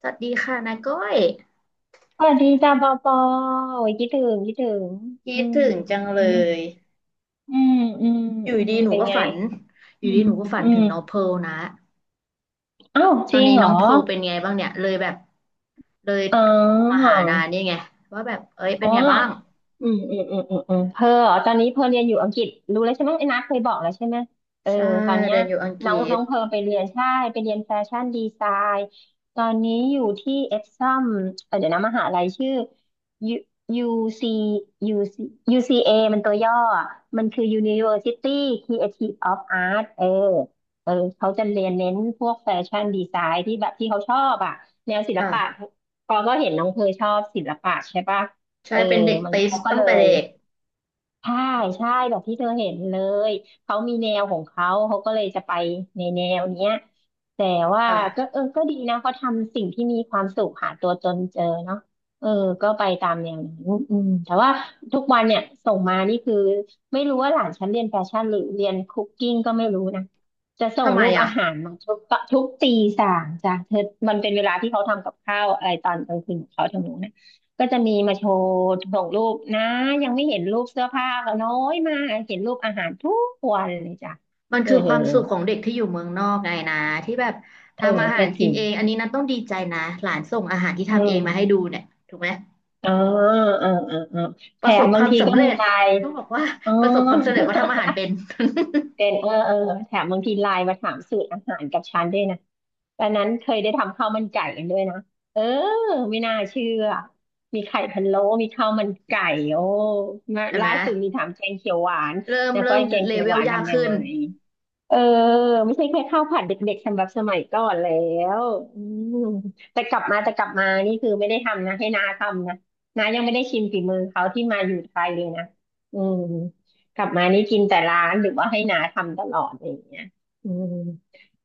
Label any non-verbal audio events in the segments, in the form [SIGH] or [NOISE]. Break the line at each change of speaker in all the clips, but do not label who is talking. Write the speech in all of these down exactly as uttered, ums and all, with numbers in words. สวัสดีค่ะนาก้อย
สวัสดีจ้าปอปอโอ้ยคิดถึงคิดถึง
คิ
อื
ด
ม
ถึงจังเล
อืม
ย
อืมอืม
อยู่
อืม
ดีหนู
เป็น
ก็
ไง
ฝันอ
อื
ยู่ดี
ม
หนูก็ฝัน
อื
ถึ
ม
งน้องเพิร์ลนะ
อ้าว
ต
จ
อ
ริ
น
ง
นี้
เหร
น้อ
อ
งเพิร์ลเป็นไงบ้างเนี่ยเลยแบบเลย
อ๋
โทรมาหานา
อ
นี่ไงว่าแบบเอ้ย
อ๋
เป็
อ
นไงบ้าง
อืมอืมอืมอืมอืมเพออ๋อตอนนี้เพอเรียนอยู่อังกฤษรู้แล้วใช่ไหมไอ้นัทเคยบอกแล้วใช่ไหมเออ
ใช่
ตอนเนี้ย
เรียนอยู่อังก
น้
ฤ
องน้อ
ษ
งเพอไปเรียนใช่ ไปเรียนแฟชั่นดีไซน์ ตอนนี้อยู่ที่เอ็กซัมเออเดี๋ยวนะมหาลัยชื่อ U c ยู ซี ยู ซี เอ มันตัวย่ออะมันคือ University Creative of Art เออเออเขาจะเรียนเน้นพวกแฟชั่นดีไซน์ที่แบบที่เขาชอบอ่ะแนวศิลปะ
ค่ะ
พอก็เห็นน้องเพอชอบศิลปะใช่ปะ เอ
ใช่
อ
เป็นเด็ก
มัน
ติส
เขาก็
ตั้
เล
งแต่
ย
เด็ก
ใช่ใช่แบบที่เธอเห็นเลย เขามีแนวของเขา เขาก็เลยจะไปในแนวเนี้ยแต่ว่าก็
ค่ะ
เออก็ดีนะเขาทำสิ่งที่มีความสุขหาตัวตนเจอเนาะเออก็ไปตามแนวนั้นอืมแต่ว่าทุกวันเนี่ยส่งมานี่คือไม่รู้ว่าหลานฉันเรียนแฟชั่นหรือเรียนคุกกิ้งก็ไม่รู้นะจะส่ง
ทำไม
รูป
อ่ะ
อาหารมาทุกทุกตีสามจ้ะเธอมันเป็นเวลาที่เขาทำกับข้าวอะไรตอนกลางคืนของเขาทางนู้นนะ ก็จะมีมาโชว์ส่งรูปนะยังไม่เห็นรูปเสื้อผ้าก็น้อยมากเห็นรูปอาหารทุกวันเลยจ้ะ
มัน
เออ
คือความสุขของเด็กที่อยู่เมืองนอกไงนะที่แบบ
เออ
ทำอาหา
ก็
ร
จ
กิ
ริ
น
ง
เองอันนี้นันต้องดีใจนะหลานส่งอาหารที่
อื
ทำเอ
ม
งมาให้ดูเนี่ยถูกไหม
อ๋อเออเออเออ
ป
แถ
ระส
ม
บค
บาง
วาม
ทีก็
สำเร็
มี
จ
ไลน์
ต้องบอกว่า
อ๋อ
ประสบความสำเร็จว่าทำอาหารเป็น
เป็นเออเออแถมบางทีไลน์มาถามสูตรอาหารกับฉันด้วยนะ ตอนนั้นเคยได้ทำข้าวมันไก่กันด้วยนะ เออไม่น่าเชื่อ มีไข่พะโล้มีข้าวมันไก่โอ้
[LAUGHS] เห็นไห
ล่า
ม
สุดมีถามแกงเขียวหวาน
เริ่ม
แล้วก็
เริ่ม
ไอ้แกง
เล
เขียว
เว
ห
ล
วาน
ยาก
ทำยัง
ขึ้
ไง
น
เออไม่ใช่แค่ข้าวผัดเด็กๆสำหรับสมัยก่อนแล้วอืมแต่กลับมาแต่กลับมานี่คือไม่ได้ทำนะให้น้าทำนะน้ายังไม่ได้ชิมฝีมือเขาที่มาอยู่ไทยเลยนะอืมกลับมานี่กินแต่ร้านหรือว่าให้น้าทำตลอดอะไรอย่างเงี้ยอืม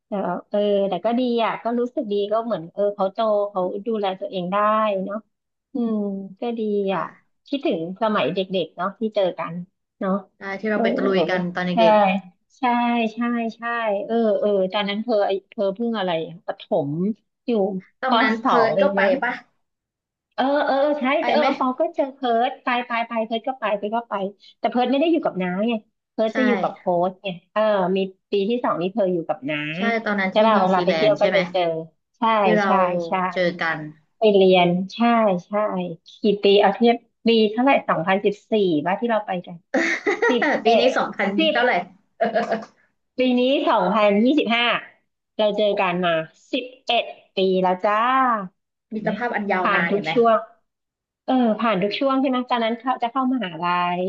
แต่ว่าเออแต่ก็ดีอ่ะก็รู้สึกดีก็เหมือนเออเขาโตเขาดูแลตัวเองได้เนาะอืมก็ดีอ่ะ
อ่า
คิดถึงสมัยเด็กๆเนาะที่เจอกันเนาะ
ได้ที่
เอ
เรา
อ
ไปตะลุยกันตอน
ใช่
เด็ก
ใช่ใช่ใช่เออเออตอนนั้นเธอเธอเพิ่งอะไรอะประถมอยู่
ๆตอ
ป
นนั้น
สอ
เพิ
ง
ร์ท
เอ
ก็
ง
ไป
มั้ง
ปะ
เออเออเออใช่
ไป
เออ
ไหม
ปอก็เจอเพิร์ดไปไปไปเพิร์ดก็ไปเพิร์ดก็ไปแต่เพิร์ดไม่ได้อยู่กับน้าไงเพิร์ดจะ
ใช่
อยู่กับโฮสต์ไงเออมีปีที่สองนี่เพิร์ดอยู่กับน้า
ใช่ตอนนั้น
ใช่
ที่
ป่ะ
นิว
เวลา
ซี
ไป
แล
เที่
น
ยว
ด์
ก็
ใช่ไหม
จะเจอใช่
ที่เรา
ใช่ใช่
เจอกัน
ไปเรียนใช่ใช่กี่ปีเอาเทียบปีเท่าไหร่สองพันสิบสี่ว่ะที่เราไปกันสิบ
[LAUGHS] ปี
เอ็
นี้
ด
สองพัน
สิบ
เท่าไหร่
ปีนี้สองพันยี่สิบห้าเรา
โอ้
เจอ
โห
กันมาสิบเอ็ดปีแล้วจ้าถู
มิ
ก
ต
ไหม
รภาพอันยาว
ผ่าน
นาน
ทุ
เห็
ก
นไหม
ช่วงเออผ่านทุกช่วงใช่ไหมตอนนั้นเขาจะเข้ามหาลัย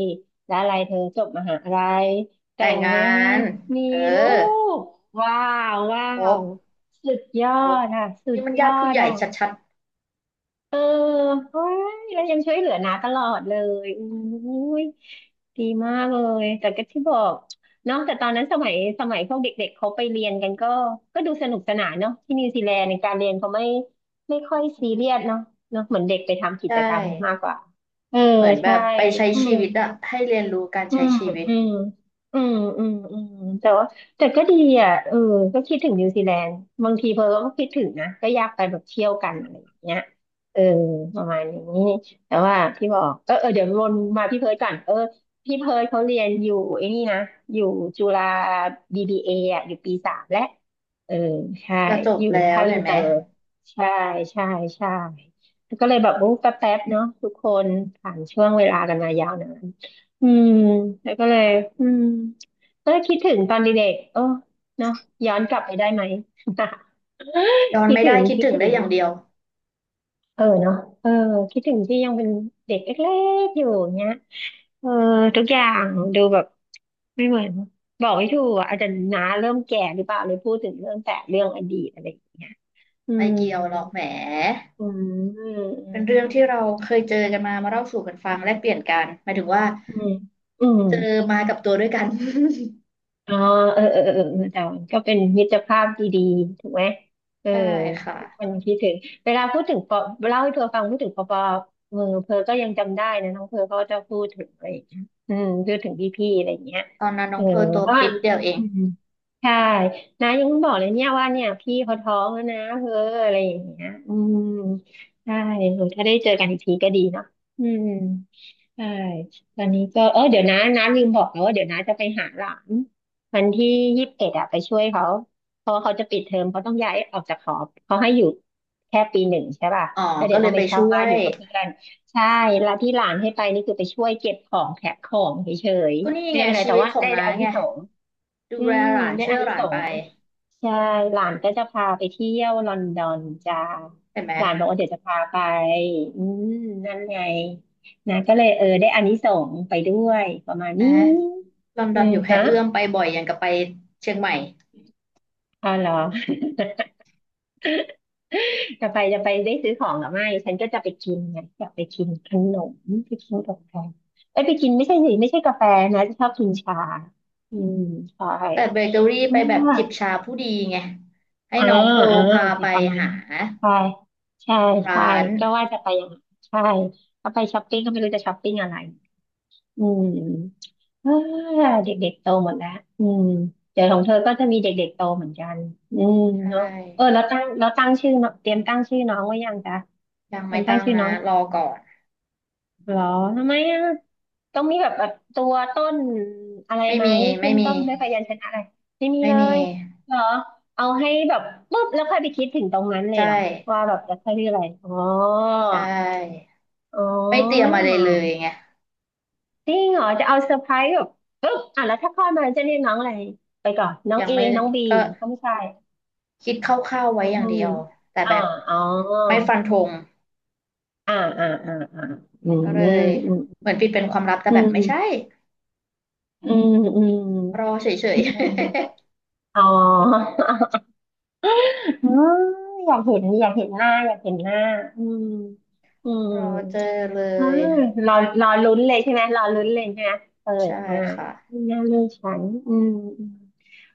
แล้วอะไรเธอจบมหาลัยแต่
แต่ง
ง
งา
งาน
น
มี
เออ
ลูกว้าวว้า
ครบ
วสุดยอ
ครบ
ดอ่ะสุด
นี่มัน
ย
ญา
อ
ติผู้
ด
ใหญ่
อ่ะ
ชัด
เออเฮ้ยแล้วยังช่วยเหลือน้าตลอดเลยอุ้ยดีมากเลย แต่ก็ที่บอกเนาะแต่ตอนนั้นสมัยสมัยพวกเด็กๆเขาไปเรียนกันก็ก็ดูสนุกสนานเนาะที่นิวซีแลนด์ในการเรียนเขาไม่ไม่ค่อยซีเรียสเนาะเนาะเหมือนเด็กไปทำ
ๆ
กิ
ใช่
จกรรมมากกว่า เออ
เหมือนแบ
ใช่
บไปใช้
อื
ชี
ม
วิตอะให้เรียนรู้การ
อื
ใช้
ม
ชีวิต
อืมอืมอืม อืม แต่ว่าแต่ก็ดีอ่ะเออก็คิดถึงนิวซีแลนด์บางทีเพอก็คิดถึงนะก็อยากไปแบบเที่ยวกันอะไรอย่างเงี้ยเออประมาณนี้แต่ว่าพี่บอกเออเออเดี๋ยววนมาพี่เพิร์ดก่อนเออพี่เพิร์ดเขาเรียนอยู่ไอ้นี่นะอยู่จุฬา บี บี เอ ออ่ะอยู่ปีสามแล้วเออใช่
จะจบ
อยู่
แล้ว
ภาคอิ
เห็
น
น
เต
ไหม
อร์ ใช่ใช่ใช่ก็เลยแบบโอ้แป๊บๆเนาะทุกคนผ่านช่วงเวลากันมายาวนาน อืมแล้วก็เลยอืมก็เลยคิดถึงตอนเด็กๆเออเนาะย้อนกลับไปได้ไหม
ย้อ
[LAUGHS]
น
คิด
ไม่
ถึ
ได้
ง
คิด
คิด
ถึง
ถึ
ได้
ง
อย่างเดียว
เออเนาะเออคิดถึงที่ยังเป็นเด็กเล็กๆอยู่เนี้ยเออทุกอย่างดูแบบไม่เหมือนบอกไม่ถูกอะอาจจะน้าเริ่มแก่หรือเปล่าเลยพูดถึงเรื่องแต่เรื่องอดีตอะไรอย่างเงี้ยอื
ไม่
ม
เกี่ยวหรอกแหม
อืมอื
เป็นเรื่อง
ม
ที่เราเคยเจอกันมามาเล่าสู่กันฟังแลกเปลี่ยนกันหมายถึงว่า
อืมอืม
เจอมากับตัวด้วยกัน
อ๋อเออเออเออเออแต่มันก็เป็นมิตรภาพดีๆถูกไหมเอ
[LAUGHS]
อ
ใช่ค่ะ
ทุกคนคิดถึงเวลาพูดถึงปอเล่าให้เธอฟังพูดถึงปอปอเออเพอก็ยังจำได้นะน้องเพอเขาจะพูดถึงอะไรอย่างเงี้ยอืมพูดถึงพี่ๆอะไรอย่างเงี้ย
ตอนนั้นน้
เอ
อ
อ
งเพร์ลตัว
เพราะว่า
ปิ๊กเดียวเอง
อืมใช่นะยังบอกเลยเนี่ยว่าเนี่ยพี่เขาท้องแล้วนะเพออะไรอย่างเงี้ยอืมใช่เออถ้าได้เจอกันอีกทีก็ดีเนาะอืมใช่ตอนนี้ก็เออเดี๋ยวนะน้าลืมบอกแล้วว่าเดี๋ยวน้าจะไปหาหลาน วันที่ยี่สิบเอ็ดอะไปช่วยเขาเพราะว่าเขาจะปิดเทอมเขาต้องย้ายออกจากหอเขาให้อยู่แค่ปีหนึ่งใช่ป่ะ
อ๋อ
แล้วเดี๋
ก็
ยว
เล
ต้อ
ย
งไป
ไป
เช่า
ช่ว
บ้านอ
ย
ยู่กับเพื่อนใช่แล้วที่หลานให้ไปนี่คือไปช่วยเก็บของแพ็คของเฉย
ก็นี่
ๆไม่ได้
ไง
เป็นไร
ชี
แต่
วิต
ว่า
ของ
ได้
น้า
อานิ
ไง
สงส์
ดู
อื
แล
ม
หลาน
ได้
ช่ว
อา
ย
นิ
หลา
ส
นไป
งส์ใช่หลานก็จะพาไปเที่ยวลอนดอนจ้า
เห็นไหม
หลานบอกว่าเดี๋ยวจะพาไปอืมนั่นไงนะก็เลยเออได้อานิสงส์ไปด้วยประมาณ
นะ
นี้
ลอนด
อื
อน
ม
อยู่แค่
ฮะ
เอื้อมไปบ่อยอย่างกับไปเชียงใหม่
อ๋อเหรอ จะไปจะไปได้ซื้อของหรือไม่ฉันก็จะไปกินไงอยากไปกินขนมไปกินกาแฟเอ้ยไปกินไม่ใช่สิไม่ใช่กาแฟนะจะชอบกินชาอืมใช่
แต่เบเกอรี่ไป
อ่
แบบ
า
จิบชาผู้ดีไงให้
อ่า
น้องเพร์ล
อ่า
พา
จะ
ไป
ประมาณ
หา
นั้นใช่ใช่
ร้า
ใช่
น
ก็ว่าจะไปอย่างนั้นใช่ก็ไปช้อปปิ้งก็ไม่รู้จะช้อปปิ้งอะไร อืมอ่าเด็กๆโตหมดแล้วอืมเดี๋ยวของเธอก็จะมีเด็กๆโตเหมือนกันอืม
ใช
เนาะเออ
่
แล้วตั้งแล้วตั้งชื่อเนาะเตรียมตั้งชื่อน้องไว้ยังจ๊ะ
ยัง
เตรี
ไม่
ยมตั้ง
ตั้ง
ชื่อ
นะ
น้องยัง
รอก่อน
เหรอทำไมอ่ะต้องมีแบบแบบตัวต้นอะไร
ไม่
ไหม
มี
ขึ้
ไม่
น
มี
ต้นด้วยพยัญชนะอะไรไม่มี
ไม่
เล
มี
ยเหรอเอาให้แบบปุ๊บแล้วค่อยไปคิดถึงตรงนั้นเลย
ใช่
เหรอว่าแบบจะใช้ชื่ออะไรอ๋อ
ใช่
อ๋
ไม่เตรีย
อ
มอะไรเลยไง
จริงเหรอจะเอาเซอร์ไพรส์แบบปึ๊บอ่ะแล้วถ้าคลอดมาจะเรียกน้องอะไรไปก่อนน้อง
ยัง
เอ
ไม่
น้องบี
ก็
ก็ไม่ใช่
คิดคร่าวๆไว้อ
อื
ย่างเดี
ม
ยวแต่
อ่า
แบบ
อ๋อ
ไม่ฟันธง
อ่าอ่าอ่าอ่าอืม
ก็เล
อืม
ย
อืม
เหมือนปิดเป็นความลับแต่แบบไม่ใช่
อืมอืม
รอเฉ
อื
ย
มอืม [LAUGHS] อ๋ออืมอยากเห็นอยากเห็นหน้าอยากเห็นหน้าอืมอื
ๆ
ม
[LAUGHS] รอเจอเล
เออ
ย
รอรอลุ้นเลยใช่ไหมรอลุ้นเลยใช่ไหมเออ
ใช่
มา
ค่ะ
หน้าลูกฉันอืม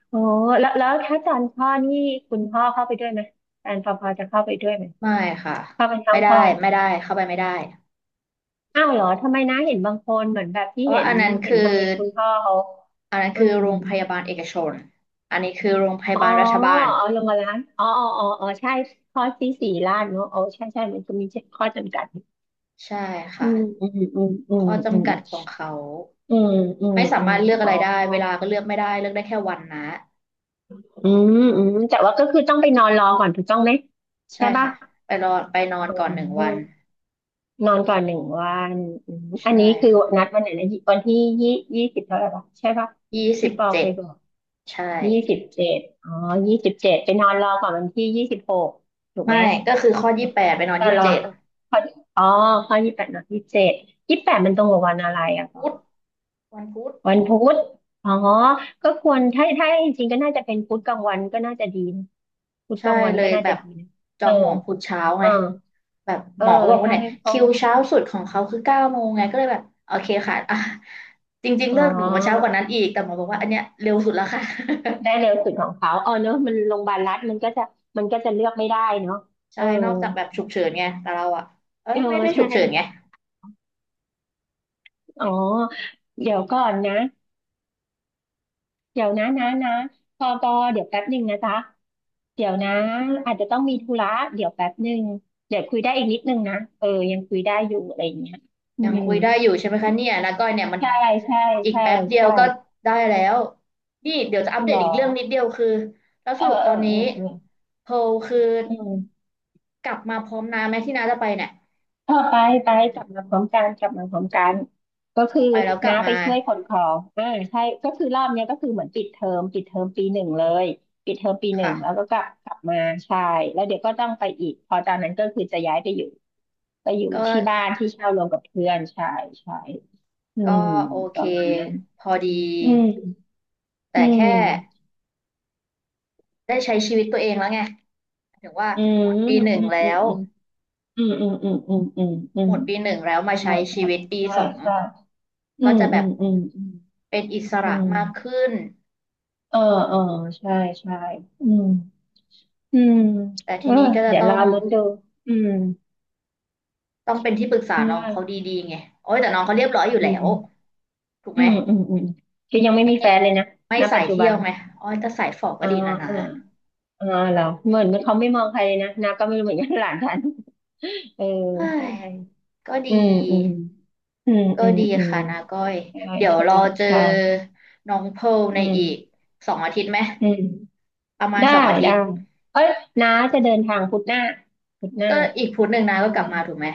โอ้แล้วแล้วถ้าจานพ่อนี่คุณพ่อเข้าไปด้วยไหมแฟนพอพอจะเข้าไปด้วยไหม
ไม่ค่ะ
เข้าไปทั้
ไม่
ง
ได้
พ่อ
ไม่ได้เข้าไปไม่ได้
อ้าวเหรอทำไมนะเห็นบางคนเหมือนแบบที่
เพราะ
เห็
ว่า
น
อันนั้น
เห็
คื
น
อ
ทำไมคุณพ่อเขา
อันนั้น
อื
คือ
ม
โรงพยาบาลเอกชนอันนี้คือโรงพ
อ๋
ยา
อ
บาลรัฐบาล
เอาลงมาล้างอ๋ออ๋ออ๋ออ๋อใช่ข้อที่สี่ล้านเนอะอ๋อใช่ใช่มันจะมีข้อจำกัด
ใช่
อื
ค่ะ
มอืมอืมอืม
ข้อ
อืม
จำกัดของเขา
อืมอืม
ไม่สา
อื
มา
ม
รถเลือกอะ
อ๋อ
ไรได้เวลาก็เลือกไม่ได้เลือกได้แค่วันนะ
อืมอืมแต่ว่าก็คือต้องไปนอนรอก่อนถูกต้องไหมใช่
ใช่
ป่ะ
ค่ะไปรอไปนอน
อื
ก่อนหนึ่งวัน
ม นอนก่อนหนึ่งวันอืมอัน
ใช่
นี้คือ
ค่ะ
นัดวันไหนนะวันที่ยี่ยี่สิบเท่าไหร่ปะใช่ปะ
ยี่สิ
ที่
บ
ปอเค
เจ็ด
ยบอก
ใช่
ยี่สิบเจ็ดอ๋อยี่สิบเจ็ดไปนอนรอก่อนวันที่ยี่สิบหกถูกไหม
ไม่ก็คือข้อยี่สิบแปดไปนอน
แต่
ยี่สิ
ร
บ
อ
เจ็ด
ข้ออ๋อข้อยี่แปดนอนยี่สิบเจ็ดยี่แปดมันตรงกับวันอะไรอ่ะปอ
พุธวันพุธ
วันพุธอ๋อก็ควรถ้าถ้าจริงๆก็น่าจะเป็นพุธกลางวันก็น่าจะดีนะพุธก
ใช่
ลางวัน
เล
ก็
ย
น่า
แบ
จะ
บ
ดีนะ
จ
เอ
อ
อ
งหมอพุธเช้า
เอ
ไง
อ
แบบ
เอ
ห
อ
มอเขาบอกว่า
ใช่
เนี่ย
เพราะ
คิวเช้าสุดของเขาคือเก้าโมงไงก็เลยแบบโอเคค่ะอ่ะจริงๆ
อ๋อ
เลิกหนูมาเช้ากว่านั้นอีกแต่หมอบอกว่าอันเนี้ยเร็วสุดแล้วค่ะ
ได้เร็วสุดของเขาเออเนอะมันโรงพยาบาลรัฐมันก็จะมันก็จะเลือกไม่ได้เนาะ
[LAUGHS]
เอ
ใช่
อ
นอกจากแบบฉุกเฉินไงแต่เราอะเออ
เออ
ไม่ได้ฉุ
ใช่
กเฉินไง
อ๋อเดี๋ยวก่อนนะเดี๋ยวนะนะนะปอปอเดี๋ยวแป๊บหนึ่งนะจ๊ะเดี๋ยวนะอาจจะต้องมีธุระเดี๋ยวแป๊บหนึ่งเดี๋ยวคุยได้อีกนิดนึงนะเออยังคุยได้อยู่อะไรอย่างเงี้ยอื
ยัง
ม
คุยได้อยู่ใช่ไหมคะเนี่ยนะก้อยเนี่ยมัน
ใช่ใช่
อีก
ใช่
แป๊บเดียว
ใช่
ก็ได้แล้วนี่เดี๋ยวจะอัปเด
หร
ต
อ
อีกเรื่องนิดเดียวคือแล้ว
เอ
ส
อ
รุปต
เอ
อ
อ
นนี้
เออเออ
โพลคือ
อืม
กลับมาพร้อมน้าไหมที่น้าจะไปเนี่ย
เออไปไปกลับมาพร้อมกันกลับมาพร้อมกันก็
อ
คือ
อกไปแล้วกลั
น้า
บ
ไป
มา
ช่วยขนของอ่าใช่ก็คือรอบเนี้ยก็คือเหมือนปิดเทอมปิดเทอมปีหนึ่งเลยปิดเทอมปีหนึ่งแล้วก็
ค่ะ
กลับกลับมาใช่แล้วเดี๋ยวก็ต้องไปอีกพอตอนนั้นก็คือจะย้ายไปอยู่ไปอยู่
ก็
ที่บ้านที่เช่ารวมกับเพื่อนใช่ใช่อื
ก็
ม
โอ
ป
เค
ระมาณนั้น
พอดี
อืม
แต่
อื
แค่
ม
ได้ใช้ชีวิตตัวเองแล้วไงถึงว่า
อืม
หมดปีหนึ่ง
อืมอื
แล้
ม
ว
อืมอืมอืมอืมอืมอืมอื
หม
ม
ดปีหนึ่งแล้วมา
ใช่
ใช้
ใช่
ชีวิตปี
ใช่
สอง
ใช่อื
ก็
ม
จะแบ
อื
บ
มอืมอืม
เป็นอิส
อื
ระ
ม
มากขึ้น
เออเออใช่ใช่อืมอืม
แต่
เอ
ที
อ
นี้ก็จะ
เดี๋ยว
ต้
เรา
อง
ลุ้นดูอืม
ต้องเป็นที่ปรึกษาน้อง
ว่า
เขาดีๆไงโอ้ยแต่น้องเขาเรียบร้อยอยู่
อื
แล้ว
ม
ถูก
อื
ไหม
มอืมอืมคือยังไม่มีแฟนเลยนะ
ไม่
ณปั
สา
จ
ย
จุบั
เที่ย
น
วไหมโอ้ยแต่สายฝอก็
อ่า
ดีนะ
เอ
นะ
ออ่าเหรอเหมือนเขาไม่มองใครเลยนะนาก็ไม่รู้เหมือนกันหลานฉันเออ
เฮ้
ใช่
ยก็ดี
อืมอืมอืม
ก็
อืม
ดี
อืม
ค่ะนาก้อย
ใช่
เดี๋ยวรอ
ใช่
เจอ
ใช่
น้องเพร์ลใน
อืม
อีกสองอาทิตย์ไหม
อืม
ประมาณ
ได้
สองอาทิ
ได้
ตย์
เอ้ยน้าจะเดินทางพุธหน้าพุธหน้า
ก็อีกพุธหนึ่งนาก็
ใช่
กลับมาถูกไหม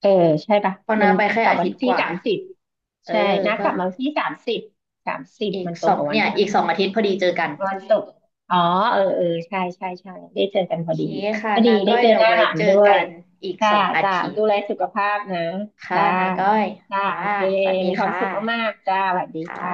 เออใช่ปะ
เพอ
มั
นา
น
ไปแค่
กลับ
อา
วั
ทิ
น
ตย์
ที่
กว่า
สามสิบ
เออ
ใช่นะ
ก็
กลับมาวันที่สามสิบสามสิบ
อีก
มันตร
ส
ง
อง
กับวัน
เนี่ย
อะไร
อีกสองอาทิตย์พอดีเจอกัน
วันศุกร์อ๋อเออเออใช่ใช่ใช่ได้เจอ
โอ
กันพอ
เค
ดี
ค่ะ
ก็ดี
นา
ได้
ก้อย
เจอ
เดี๋
ห
ยว
น้า
ไว้
หลาน
เจ
ด้
อ
วย
กันอีก
จ้า
สองอา
จ้า
ทิต
ดู
ย์
แลสุขภาพนะ
ค่ะ
จ้า
นาก้อย
จ้า
ค่ะ
โอเค
สวัสดี
มีความ
ค่
สุขมา
ะ
กๆจ้าสวัสดี
ค่ะ
ค่ะ